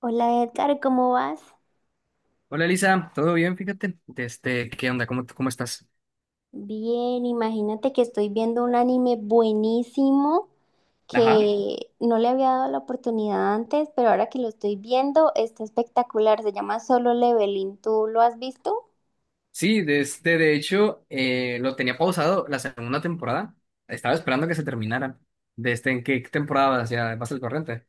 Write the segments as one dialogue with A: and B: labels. A: Hola Edgar, ¿cómo vas?
B: Hola Lisa, ¿todo bien? Fíjate, desde, ¿qué onda? ¿¿Cómo estás?
A: Bien, imagínate que estoy viendo un anime buenísimo
B: Ajá.
A: que no le había dado la oportunidad antes, pero ahora que lo estoy viendo está espectacular. Se llama Solo Leveling. ¿Tú lo has visto?
B: Sí, desde, de hecho, lo tenía pausado la segunda temporada. Estaba esperando que se terminara. ¿Desde en qué temporada vas ya vas al corriente?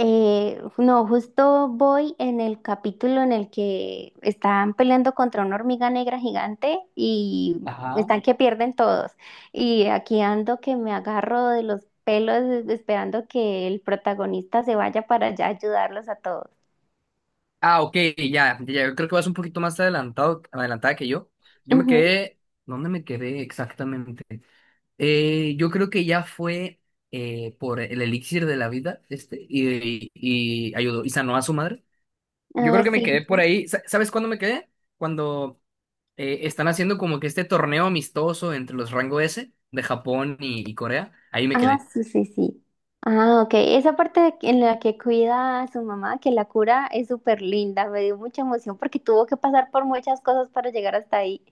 A: No, justo voy en el capítulo en el que están peleando contra una hormiga negra gigante y
B: Ajá.
A: están que pierden todos. Y aquí ando que me agarro de los pelos esperando que el protagonista se vaya para allá a ayudarlos a todos.
B: Ah, ok, ya, ya, yo creo que vas un poquito más adelantada que yo. Yo me
A: Ujú.
B: quedé, ¿dónde me quedé exactamente? Yo creo que ya fue por el elixir de la vida, este, y ayudó y sanó a su madre. Yo creo
A: Ah,
B: que me
A: sí.
B: quedé por ahí. ¿Sabes cuándo me quedé? Cuando están haciendo como que este torneo amistoso entre los rango S de Japón y Corea. Ahí me
A: Ah,
B: quedé.
A: sí, sí, sí. Ah, ok. Esa parte en la que cuida a su mamá, que la cura, es súper linda. Me dio mucha emoción porque tuvo que pasar por muchas cosas para llegar hasta ahí.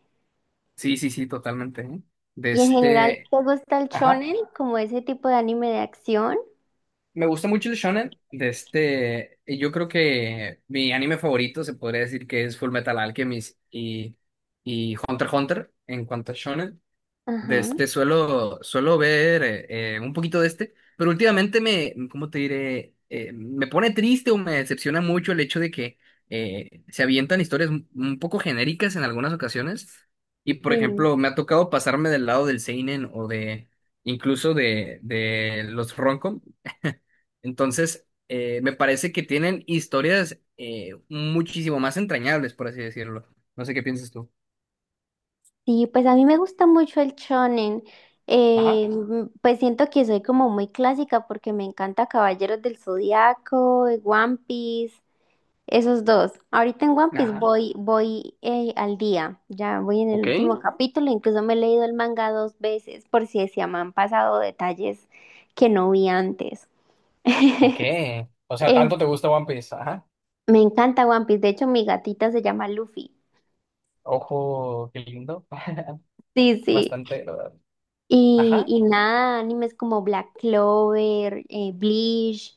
B: Sí, sí, sí, totalmente, ¿eh? De
A: Y en general,
B: este.
A: ¿te gusta el
B: Ajá.
A: shonen como ese tipo de anime de acción?
B: Me gusta mucho el shonen. De este. Yo creo que mi anime favorito se podría decir que es Full Metal Alchemist y Hunter x Hunter en cuanto a shonen. De
A: Ajá,
B: este suelo ver un poquito de este, pero últimamente me, ¿cómo te diré? Me pone triste o me decepciona mucho el hecho de que se avientan historias un poco genéricas en algunas ocasiones. Y por
A: sí.
B: ejemplo, me ha tocado pasarme del lado del seinen o de incluso de los roncom. Entonces, me parece que tienen historias muchísimo más entrañables, por así decirlo. No sé qué piensas tú.
A: Sí, pues a mí me gusta mucho el shonen.
B: Ajá,
A: Pues siento que soy como muy clásica porque me encanta Caballeros del Zodiaco, One Piece, esos dos. Ahorita en One Piece
B: ajá.
A: voy, al día, ya voy en el
B: Ok.
A: último Ujú. Capítulo, incluso me he leído el manga dos veces por si se me han pasado detalles que no vi antes.
B: Ok. O sea,
A: En
B: tanto te gusta One Piece. Ajá.
A: Me encanta One Piece, de hecho mi gatita se llama Luffy.
B: Ojo, qué lindo.
A: Sí, sí.
B: Bastante, la verdad.
A: Y,
B: Ajá.
A: y nada, animes como Black Clover, Bleach,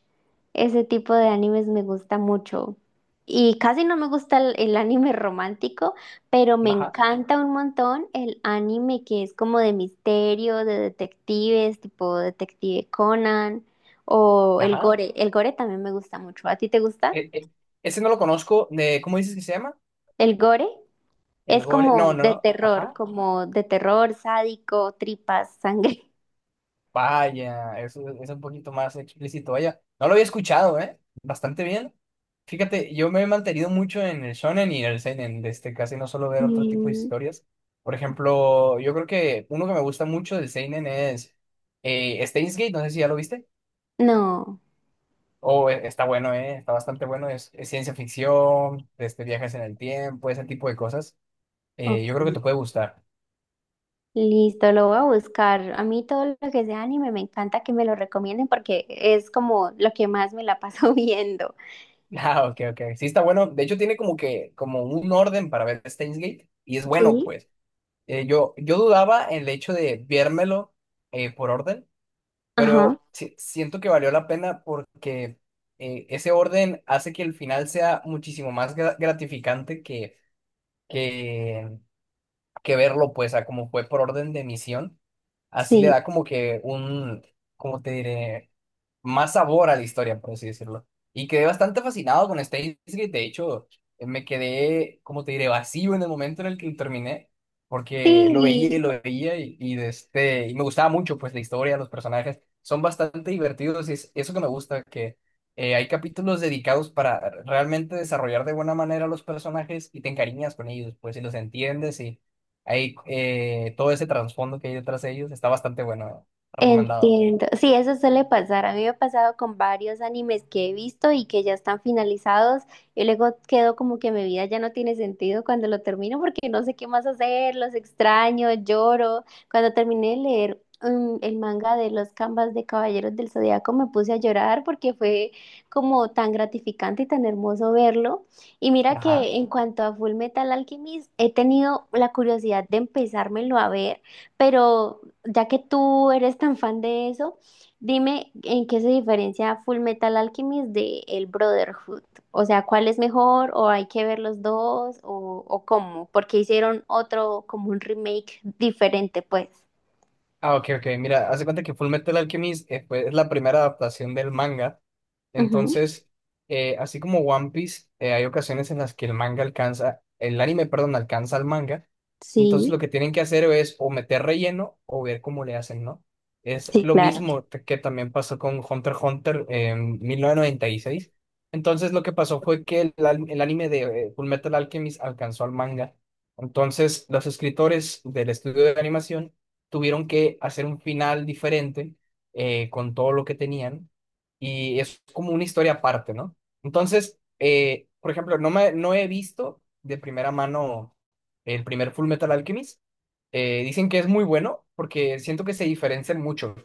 A: ese tipo de animes me gusta mucho. Y casi no me gusta el anime romántico, pero me
B: Ajá.
A: encanta un montón el anime que es como de misterio, de detectives, tipo Detective Conan o el
B: Ajá.
A: gore. El gore también me gusta mucho. ¿A ti te gusta
B: E- e- ese no lo conozco. De, ¿cómo dices que se llama?
A: el gore?
B: El
A: Es
B: Gore. No, no, no. Ajá.
A: como de terror, sádico, tripas, sangre.
B: Vaya, eso es un poquito más explícito. Vaya, no lo había escuchado, ¿eh? Bastante bien. Fíjate, yo me he mantenido mucho en el shonen y el seinen, de este, casi no suelo ver otro tipo de
A: Mm,
B: historias. Por ejemplo, yo creo que uno que me gusta mucho del seinen es Steins Gate, no sé si ya lo viste.
A: no,
B: Oh, está bueno, está bastante bueno. Es ciencia ficción, este, viajes en el tiempo, ese tipo de cosas.
A: ok.
B: Yo creo que te puede gustar.
A: Listo, lo voy a buscar. A mí todo lo que sea anime me encanta que me lo recomienden porque es como lo que más me la paso viendo.
B: Ah, ok, ok. Sí, está bueno. De hecho, tiene como que, como un orden para ver Steins Gate. Y es bueno,
A: Sí.
B: pues. Yo dudaba en el hecho de viérmelo por orden,
A: Ajá,
B: pero siento que valió la pena porque ese orden hace que el final sea muchísimo más gratificante que que verlo, pues, a como fue por orden de emisión, así le
A: sí.
B: da como que un, ¿cómo te diré? Más sabor a la historia, por así decirlo. Y quedé bastante fascinado con Steins Gate, de hecho, me quedé, ¿cómo te diré? Vacío en el momento en el que lo terminé, porque lo veía y
A: Sí,
B: lo veía de este, y me gustaba mucho, pues, la historia, los personajes, son bastante divertidos y es eso que me gusta, que... hay capítulos dedicados para realmente desarrollar de buena manera los personajes y te encariñas con ellos, pues, y los entiendes. Ahí, todo ese trasfondo que hay detrás de ellos está bastante bueno. Eh, recomendado.
A: entiendo. Sí, eso suele pasar. A mí me ha pasado con varios animes que he visto y que ya están finalizados y luego quedo como que mi vida ya no tiene sentido cuando lo termino porque no sé qué más hacer, los extraño, lloro. Cuando terminé de leer el manga de los Canvas de Caballeros del Zodiaco me puse a llorar porque fue como tan gratificante y tan hermoso verlo. Y mira
B: Ajá.
A: que en cuanto a Full Metal Alchemist, he tenido la curiosidad de empezármelo a ver, pero ya que tú eres tan fan de eso, dime en qué se diferencia Full Metal Alchemist de el Brotherhood. O sea, ¿cuál es mejor? ¿O hay que ver los dos? O cómo? Porque hicieron otro, como un remake diferente, pues.
B: Ah, ok, ok. Mira, hace cuenta que Full Metal Alchemist es la primera adaptación del manga.
A: Ujú,
B: Entonces, así como One Piece, hay ocasiones en las que el manga alcanza, el anime, perdón, alcanza al manga. Entonces,
A: sí,
B: lo que tienen que hacer es o meter relleno o ver cómo le hacen, ¿no? Es
A: sí,
B: lo
A: claro.
B: mismo que también pasó con Hunter x Hunter en 1996. Entonces, lo que pasó fue que el anime de Full Metal Alchemist alcanzó al manga. Entonces, los escritores del estudio de animación tuvieron que hacer un final diferente, con todo lo que tenían, y es como una historia aparte, ¿no? Entonces, por ejemplo, no he visto de primera mano el primer Full Metal Alchemist. Dicen que es muy bueno porque siento que se diferencian mucho,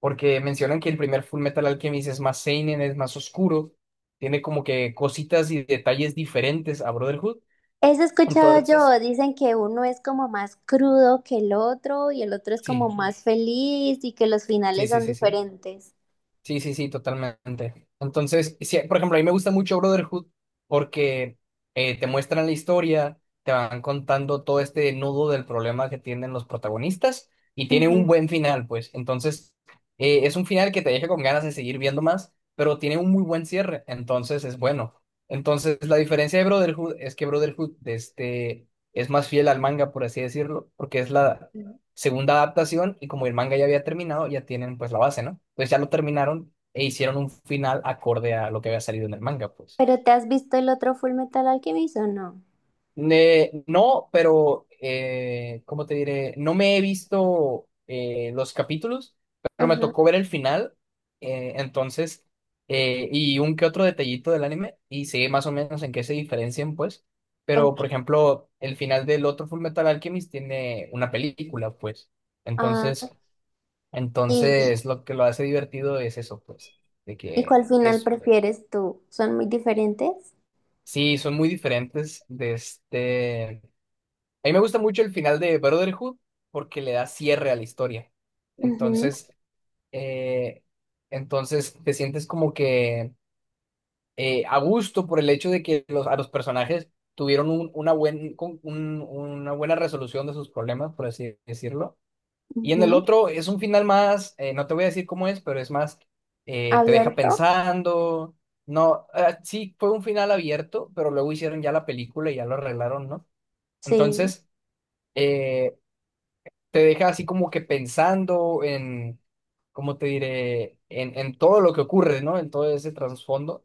B: porque mencionan que el primer Full Metal Alchemist es más seinen, es más oscuro, tiene como que cositas y detalles diferentes a Brotherhood.
A: Eso he escuchado
B: Entonces,
A: yo, dicen que uno es como más crudo que el otro y el otro es como
B: sí,
A: más feliz y que los
B: sí,
A: finales
B: sí,
A: son
B: sí, sí.
A: diferentes.
B: Sí, sí, sí, totalmente. Entonces, sí, por ejemplo, a mí me gusta mucho Brotherhood porque te muestran la historia, te van contando todo este nudo del problema que tienen los protagonistas y tiene un
A: Ujú.
B: buen final, pues. Entonces, es un final que te deja con ganas de seguir viendo más, pero tiene un muy buen cierre, entonces es bueno. Entonces, la diferencia de Brotherhood es que Brotherhood este, es más fiel al manga, por así decirlo, porque es la segunda adaptación y como el manga ya había terminado, ya tienen pues la base, ¿no? Pues ya lo terminaron e hicieron un final acorde a lo que había salido en el manga, pues.
A: ¿Pero te has visto el otro Full Metal Alchemist o no?
B: No, pero, ¿cómo te diré? No me he visto los capítulos, pero me
A: Ajá,
B: tocó ver el final, entonces, y un que otro detallito del anime, y sé más o menos en qué se diferencian, pues. Pero,
A: ok.
B: por ejemplo, el final del otro Full Metal Alchemist tiene una película, pues.
A: Ah,
B: Entonces...
A: ¿y,
B: Entonces, lo que lo hace divertido es eso, pues, de
A: y cuál
B: que
A: final
B: es, pues,
A: prefieres tú? ¿Son muy diferentes?
B: sí, son muy diferentes de este... A mí me gusta mucho el final de Brotherhood porque le da cierre a la historia.
A: Ujú,
B: Entonces, eh, entonces te sientes como que a gusto por el hecho de que a los personajes tuvieron una buena resolución de sus problemas, por así decirlo. Y en el
A: ujú.
B: otro es un final más, no te voy a decir cómo es, pero es más, te deja
A: ¿Abierto?
B: pensando. No, ah, sí, fue un final abierto, pero luego hicieron ya la película y ya lo arreglaron, ¿no?
A: Sí,
B: Entonces, eh, te deja así como que pensando en, ¿cómo te diré? En todo lo que ocurre, ¿no? En todo ese trasfondo.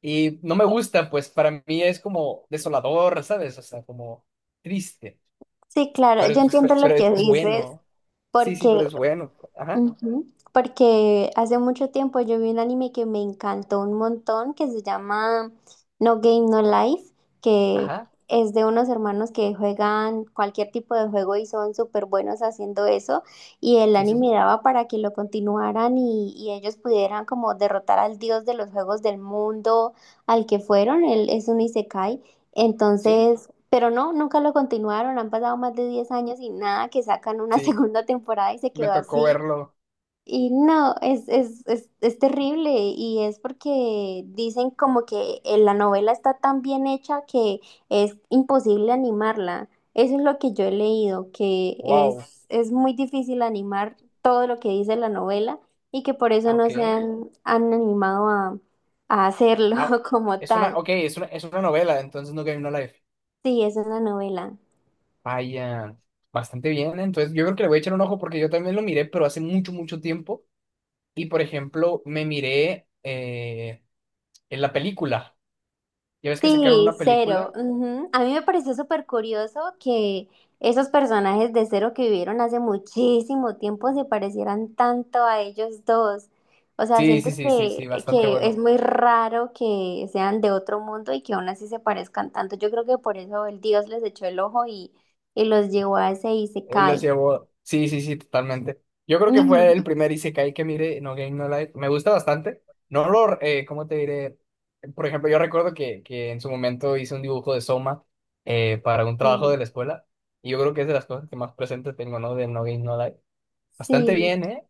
B: Y no me gusta, pues para mí es como desolador, ¿sabes? O sea, como triste,
A: sí, claro. Yo entiendo lo
B: pero
A: que
B: es
A: dices
B: bueno. Sí, sí,
A: porque
B: pero es bueno. Ajá,
A: ujú, porque hace mucho tiempo yo vi un anime que me encantó un montón, que se llama No Game No Life, que
B: ajá.
A: es de unos hermanos que juegan cualquier tipo de juego y son súper buenos haciendo eso, y el
B: Sí, sí, sí.
A: anime daba para que lo continuaran y ellos pudieran como derrotar al dios de los juegos del mundo al que fueron, él es un isekai,
B: Sí,
A: entonces... Pero no, nunca lo continuaron, han pasado más de 10 años y nada, que sacan una
B: sí.
A: segunda temporada y se
B: Me
A: quedó
B: tocó
A: así.
B: verlo.
A: Y no, es terrible y es porque dicen como que la novela está tan bien hecha que es imposible animarla. Eso es lo que yo he leído, que
B: Wow.
A: es muy difícil animar todo lo que dice la novela y que por eso
B: Ah,
A: no
B: ok.
A: se han, han animado a hacerlo
B: Ah,
A: como
B: es una,
A: tal.
B: ok, es una novela, entonces No Game No Life.
A: Sí, es una novela.
B: Vaya, bastante bien, ¿eh? Entonces yo creo que le voy a echar un ojo porque yo también lo miré, pero hace mucho, mucho tiempo. Y por ejemplo, me miré en la película. Ya ves que sacaron
A: Sí,
B: una
A: Cero.
B: película.
A: Ujú. A mí me pareció súper curioso que esos personajes de Cero que vivieron hace muchísimo tiempo se parecieran tanto a ellos dos. O sea,
B: Sí, sí,
A: siento
B: sí, sí, sí, bastante
A: que es
B: bueno.
A: muy raro que sean de otro mundo y que aún así se parezcan tanto. Yo creo que por eso el Dios les echó el ojo y los llevó a ese y se
B: Y los
A: cae.
B: llevó. Sí, sí, sí, totalmente. Yo creo
A: Sí,
B: que fue el primer Isekai que miré, No Game No Life. Me gusta bastante. No lo, ¿cómo te diré? Por ejemplo, yo recuerdo que en su momento hice un dibujo de Soma para un trabajo de la escuela. Y yo creo que es de las cosas que más presente tengo, ¿no? De No Game No Life. Bastante
A: sí.
B: bien, ¿eh?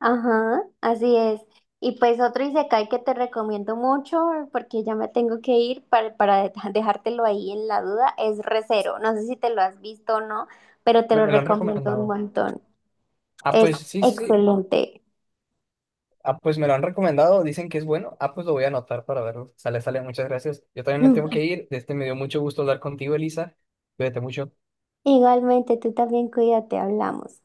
A: Ajá, así es. Y pues otro Isekai que te recomiendo mucho, porque ya me tengo que ir para dejártelo ahí en la duda, es Recero. No sé si te lo has visto o no, pero te lo
B: Me lo han
A: recomiendo un
B: recomendado.
A: montón.
B: Ah,
A: Es
B: pues sí, sí, sí.
A: excelente.
B: Ah, pues me lo han recomendado. Dicen que es bueno. Ah, pues lo voy a anotar para verlo. Sale, sale. Muchas gracias. Yo también me tengo que ir. Este me dio mucho gusto hablar contigo, Elisa. Cuídate mucho.
A: Igualmente, tú también cuídate, hablamos.